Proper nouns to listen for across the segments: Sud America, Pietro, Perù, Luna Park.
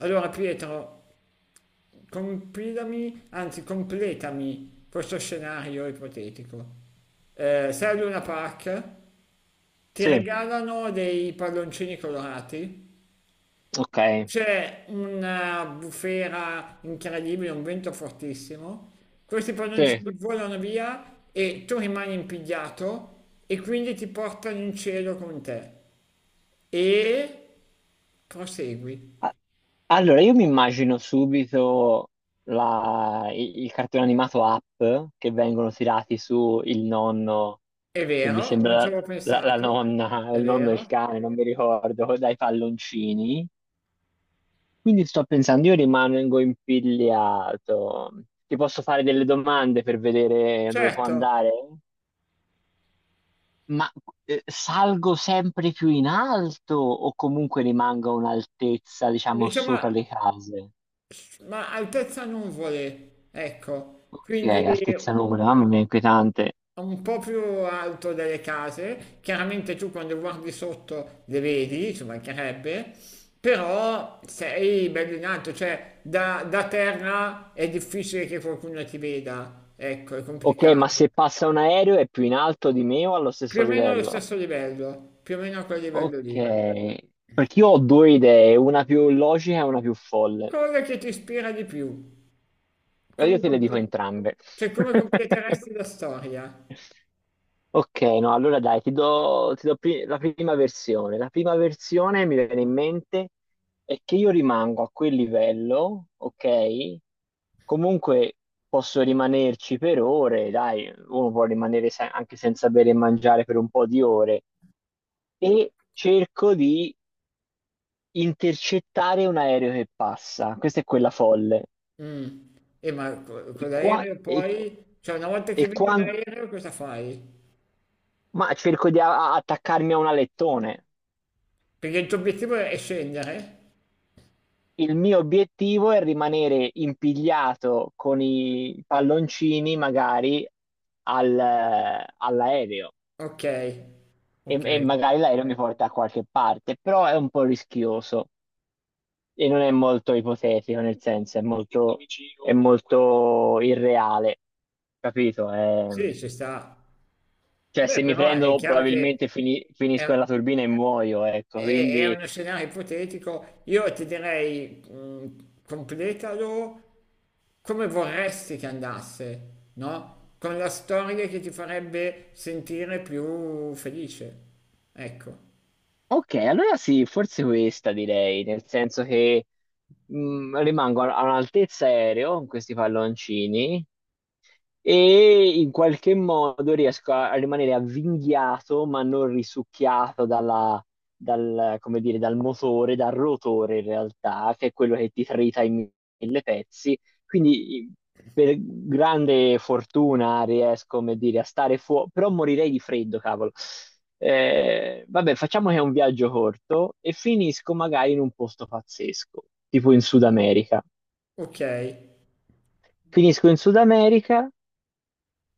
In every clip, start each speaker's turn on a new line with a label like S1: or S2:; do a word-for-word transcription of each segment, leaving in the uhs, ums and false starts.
S1: Allora Pietro, compilami, anzi completami questo scenario ipotetico. Eh, sei a Luna Park, ti
S2: Sì,
S1: regalano dei palloncini colorati,
S2: ok.
S1: c'è una bufera incredibile, un vento fortissimo, questi
S2: Sì.
S1: palloncini volano via e tu rimani impigliato e quindi ti portano in cielo con te. E prosegui.
S2: A- Allora, io mi immagino subito la- i- il cartone animato Up che vengono tirati su il nonno
S1: È
S2: e mi
S1: vero, non
S2: sembra
S1: ci avevo
S2: la, la
S1: pensato,
S2: nonna, o
S1: è
S2: il nonno e il
S1: vero.
S2: cane, non mi ricordo, dai palloncini. Quindi sto pensando, io rimango impigliato. Ti posso fare delle domande per vedere dove può
S1: Certo,
S2: andare? Ma eh, salgo sempre più in alto o comunque rimango a un'altezza, diciamo,
S1: diciamo,
S2: sopra le case?
S1: ma altezza non vuole, ecco,
S2: Ok,
S1: quindi
S2: altezza nuvola, mamma mia, inquietante.
S1: è un po' più alto delle case, chiaramente tu quando guardi sotto le vedi, ci mancherebbe, però sei bello in alto, cioè da, da terra è difficile che qualcuno ti veda, ecco, è
S2: Ok, ma
S1: complicato.
S2: se passa un aereo è più in alto di me o allo
S1: Più
S2: stesso
S1: o meno allo
S2: livello?
S1: stesso livello, più o meno a quel livello
S2: Ok,
S1: lì.
S2: perché io ho due idee, una più logica e una più folle.
S1: Cosa che ti ispira di più?
S2: Ma io
S1: Come,
S2: te le dico
S1: comple-
S2: entrambe.
S1: cioè, come completeresti la storia?
S2: Ok, no, allora dai, ti do, ti do pri- la prima versione. La prima versione mi viene in mente è che io rimango a quel livello, ok? Comunque posso rimanerci per ore, dai, uno può rimanere se- anche senza bere e mangiare per un po' di ore e cerco di intercettare un aereo che passa. Questa è quella folle.
S1: Mm. E ma co-
S2: E
S1: con
S2: qua,
S1: l'aereo
S2: e,
S1: poi, cioè una volta
S2: e
S1: che vedi
S2: qua,
S1: un aereo cosa fai?
S2: ma cerco di a- attaccarmi a un alettone.
S1: Perché il tuo obiettivo è scendere?
S2: Il mio obiettivo è rimanere impigliato con i palloncini magari al- all'aereo
S1: Ok,
S2: e,
S1: ok,
S2: e magari l'aereo mi porta a qualche parte, però è un po' rischioso e non è molto ipotetico, nel senso è molto, è molto irreale, capito? È-
S1: sì, ci sta.
S2: cioè
S1: Beh,
S2: se mi
S1: però è
S2: prendo
S1: chiaro che
S2: probabilmente fini- finisco
S1: è,
S2: nella turbina e muoio, ecco,
S1: è- è
S2: quindi...
S1: uno scenario ipotetico. Io ti direi, mh, completalo come vorresti che andasse, no? Con la storia che ti farebbe sentire più felice. Ecco,
S2: Ok, allora sì, forse questa direi, nel senso che mh, rimango a a un'altezza aereo con questi palloncini e in qualche modo riesco a, a rimanere avvinghiato ma non risucchiato dalla- dal, come dire, dal motore, dal rotore in realtà, che è quello che ti trita in mille pezzi. Quindi i- per grande fortuna riesco, come dire, a stare fuori, però morirei di freddo, cavolo. Eh, vabbè, facciamo che è un viaggio corto e finisco magari in un posto pazzesco, tipo in Sud America.
S1: ok.
S2: Finisco in Sud America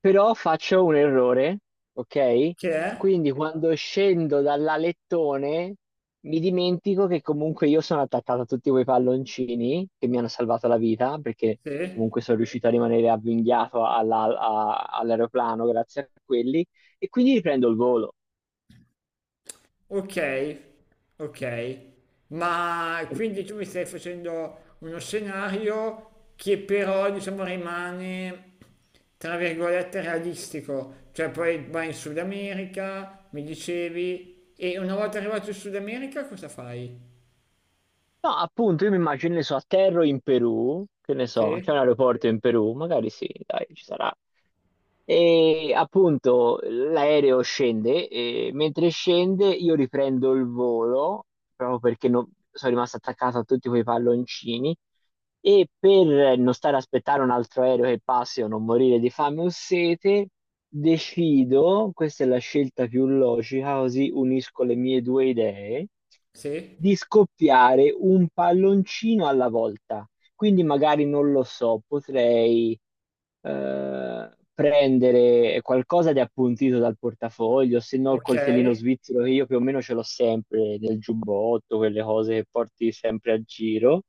S2: però faccio un errore, ok?
S1: Che è?
S2: Quindi quando scendo dall'alettone mi dimentico che comunque io sono attaccato a tutti quei palloncini che mi hanno salvato la vita, perché
S1: Sì.
S2: comunque sono riuscito a rimanere avvinghiato alla- a- all'aeroplano grazie a quelli, e quindi riprendo il volo.
S1: Ok, ok, ma quindi tu mi stai facendo uno scenario che però diciamo rimane tra virgolette realistico, cioè poi vai in Sud America, mi dicevi, e una volta arrivato in Sud America cosa fai?
S2: No, appunto, io mi immagino, che ne so, atterro in Perù, che ne so, c'è un
S1: Sì,
S2: aeroporto in Perù, magari sì, dai, ci sarà. E appunto l'aereo scende e mentre scende io riprendo il volo proprio perché non- sono rimasto attaccato a tutti quei palloncini e per non stare a aspettare un altro aereo che passi o non morire di fame o sete, decido, questa è la scelta più logica, così unisco le mie due idee,
S1: sì,
S2: di scoppiare un palloncino alla volta. Quindi magari non lo so, potrei eh, prendere qualcosa di appuntito dal portafoglio, se no il
S1: ok.
S2: coltellino svizzero che io più o meno ce l'ho sempre nel giubbotto, quelle cose che porti sempre a giro.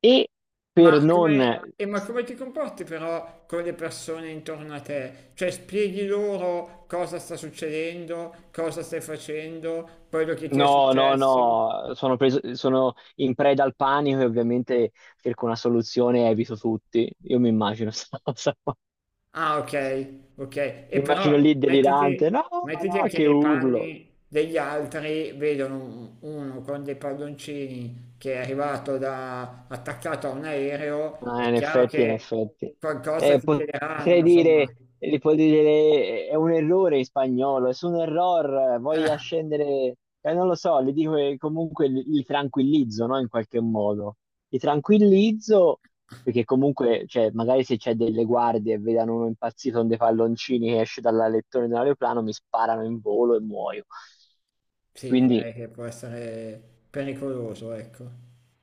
S2: E per
S1: Ma come,
S2: non...
S1: e ma come ti comporti però con le persone intorno a te? Cioè spieghi loro cosa sta succedendo, cosa stai facendo, quello che ti è
S2: No, no,
S1: successo?
S2: no, sono preso, sono in preda al panico e ovviamente cerco una soluzione e evito tutti. Io mi immagino sta cosa qua.
S1: Ah, ok, ok.
S2: Mi
S1: E
S2: immagino
S1: però
S2: lì delirante,
S1: mettiti,
S2: no,
S1: mettiti
S2: no,
S1: anche
S2: che
S1: nei
S2: urlo.
S1: panni degli altri, vedono un- uno con dei palloncini che è arrivato da, attaccato a un aereo,
S2: Ah,
S1: è
S2: in
S1: chiaro
S2: effetti, in
S1: che
S2: effetti.
S1: qualcosa
S2: Eh,
S1: ti chiederanno,
S2: potrei
S1: insomma.
S2: dire, li puoi dire, eh, è un errore in spagnolo, es un error, eh, voglio scendere, eh, non lo so, li dico che comunque li, li tranquillizzo, no, in qualche modo. Li tranquillizzo perché comunque, cioè, magari se c'è delle guardie e vedono uno impazzito con dei palloncini che esce dalla lettore di un aeroplano, mi sparano in volo e muoio.
S1: Sì,
S2: Quindi,
S1: direi che può essere pericoloso, ecco.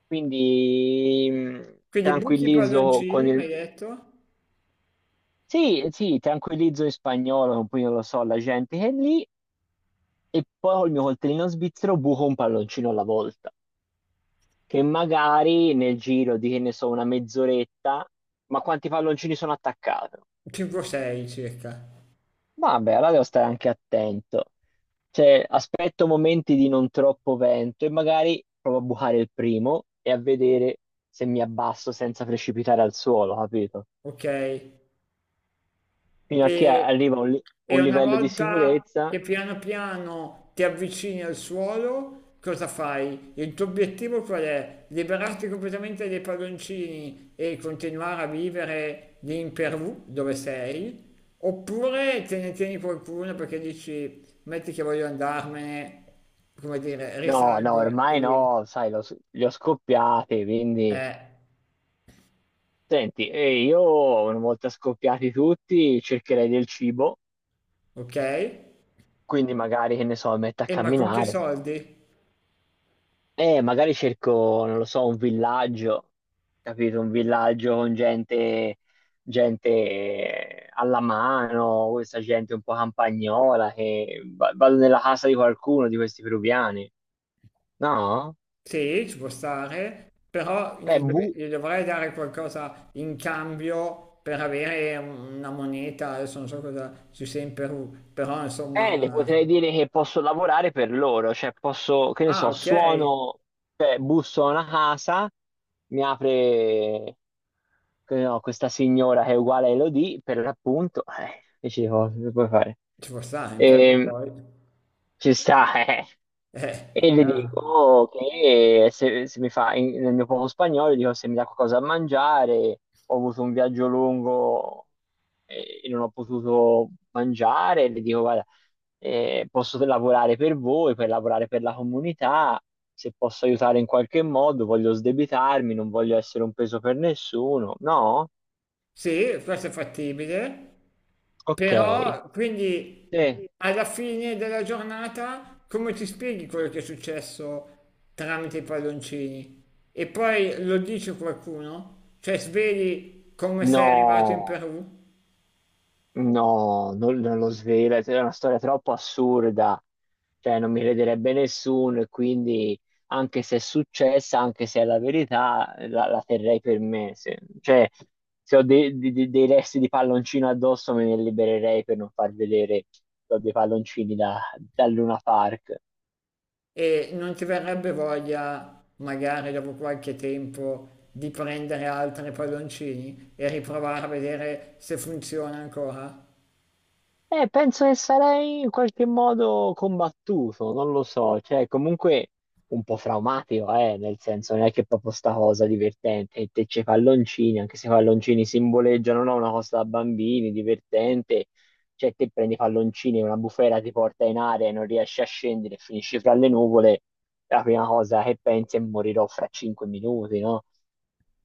S2: quindi mh,
S1: Quindi buchi
S2: tranquillizzo con
S1: palloncini, mi
S2: il,
S1: hai detto?
S2: sì, eh, sì, tranquillizzo in spagnolo, poi non lo so, la gente che è lì, e poi col mio coltellino svizzero buco un palloncino alla volta, che magari nel giro di, che ne so, una mezz'oretta, ma quanti palloncini sono attaccato?
S1: cinque sei circa.
S2: Vabbè, allora devo stare anche attento. Cioè, aspetto momenti di non troppo vento e magari provo a bucare il primo e a vedere se mi abbasso senza precipitare al suolo, capito?
S1: Ok,
S2: Fino a che
S1: e,
S2: arriva un li-
S1: e
S2: un
S1: una
S2: livello di
S1: volta
S2: sicurezza.
S1: che piano piano ti avvicini al suolo, cosa fai? Il tuo obiettivo qual è? Liberarti completamente dai palloncini e continuare a vivere lì in Perù, dove sei? Oppure te ne tieni qualcuno perché dici, metti che voglio andarmene, come dire,
S2: No, no,
S1: risalgo e
S2: ormai
S1: via.
S2: no, sai, lo s- li ho scoppiati, quindi...
S1: Eh,
S2: Senti, e io una volta scoppiati tutti cercherei del cibo,
S1: ok?
S2: quindi magari, che ne so, mi metto a
S1: E ma con che
S2: camminare.
S1: soldi?
S2: E magari cerco, non lo so, un villaggio, capito? Un villaggio con gente, gente eh, alla mano, questa gente un po' campagnola, che va- vado nella casa di qualcuno di questi peruviani. No?
S1: Sì, ci può stare, però
S2: Eh,
S1: gli, deve-
S2: bu-
S1: gli dovrei dare qualcosa in cambio per avere un- una moneta, adesso non so cosa ci sia in Perù, però
S2: Eh, le
S1: insomma...
S2: potrei dire che posso lavorare per loro, cioè posso, che ne
S1: Ah,
S2: so,
S1: ok, ci
S2: suono, cioè busso a una casa, mi apre che no, questa signora che è uguale a Elodie, per l'appunto, eh, che ci cose che puoi fare?
S1: può stare in Perù
S2: E,
S1: poi.
S2: ci sta, eh.
S1: Eh,
S2: E le
S1: chiaro.
S2: dico che se, se mi fa, in- nel mio poco spagnolo, dico se mi dà qualcosa da mangiare, ho avuto un viaggio lungo eh, e non ho potuto mangiare, le dico guarda, eh, posso lavorare per voi, per lavorare per la comunità, se posso aiutare in qualche modo, voglio sdebitarmi, non voglio essere un peso per nessuno. No?
S1: Sì, questo è fattibile.
S2: Ok.
S1: Però,
S2: Sì.
S1: quindi,
S2: Sì.
S1: alla fine della giornata, come ti spieghi quello che è successo tramite i palloncini? E poi lo dice qualcuno? Cioè, sveli come sei arrivato in
S2: No,
S1: Perù
S2: no, non, non lo svela, è una storia troppo assurda, cioè non mi crederebbe nessuno e quindi anche se è successa, anche se è la verità, la, la terrei per me. Se, cioè, se ho dei, di- di- dei resti di palloncino addosso me ne libererei per non far vedere che ho dei palloncini da, da Luna Park.
S1: e non ti verrebbe voglia, magari dopo qualche tempo, di prendere altri palloncini e riprovare a vedere se funziona ancora?
S2: Eh, penso che sarei in qualche modo combattuto, non lo so, cioè comunque un po' traumatico, eh, nel senso non è che proprio sta cosa divertente, e te c'è i palloncini, anche se i palloncini simboleggiano no, una cosa da bambini, divertente, cioè te prendi i palloncini, una bufera ti porta in aria e non riesci a scendere, finisci fra le nuvole, la prima cosa che pensi è morirò fra cinque minuti, no?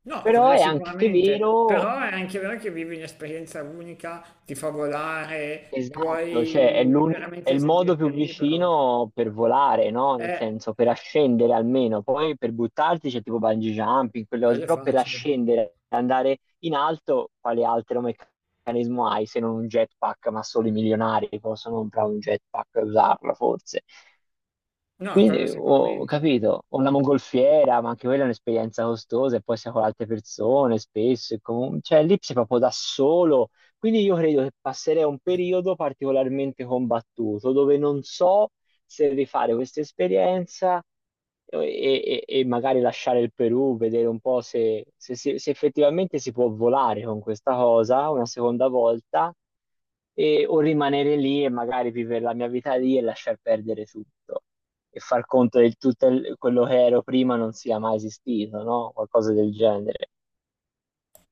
S1: No,
S2: Però
S1: quello
S2: è anche
S1: sicuramente,
S2: vero.
S1: però è anche vero che vivi un'esperienza unica, ti fa volare,
S2: Esatto, cioè è
S1: puoi
S2: l'uni- è
S1: veramente
S2: il modo
S1: sentirti
S2: più
S1: libero.
S2: vicino per volare, no? Nel
S1: Eh,
S2: senso, per ascendere almeno, poi per buttarti c'è tipo bungee jumping, quelle cose,
S1: quello è
S2: però per
S1: facile.
S2: ascendere, andare in alto, quale altro meccanismo hai se non un jetpack? Ma solo i milionari possono comprare un jetpack e usarlo, forse.
S1: No, quello
S2: Quindi ho ho
S1: sicuramente.
S2: capito, ho una mongolfiera, ma anche quella è un'esperienza costosa e poi sei con altre persone spesso, e comu- cioè lì sei proprio da solo. Quindi io credo che passerei un periodo particolarmente combattuto dove non so se rifare questa esperienza e, e- e magari lasciare il Perù, vedere un po' se, se si- se effettivamente si può volare con questa cosa una seconda volta e- o rimanere lì e magari vivere la mia vita lì e lasciar perdere tutto e far conto che tutto il- quello che ero prima non sia mai esistito, no? Qualcosa del genere.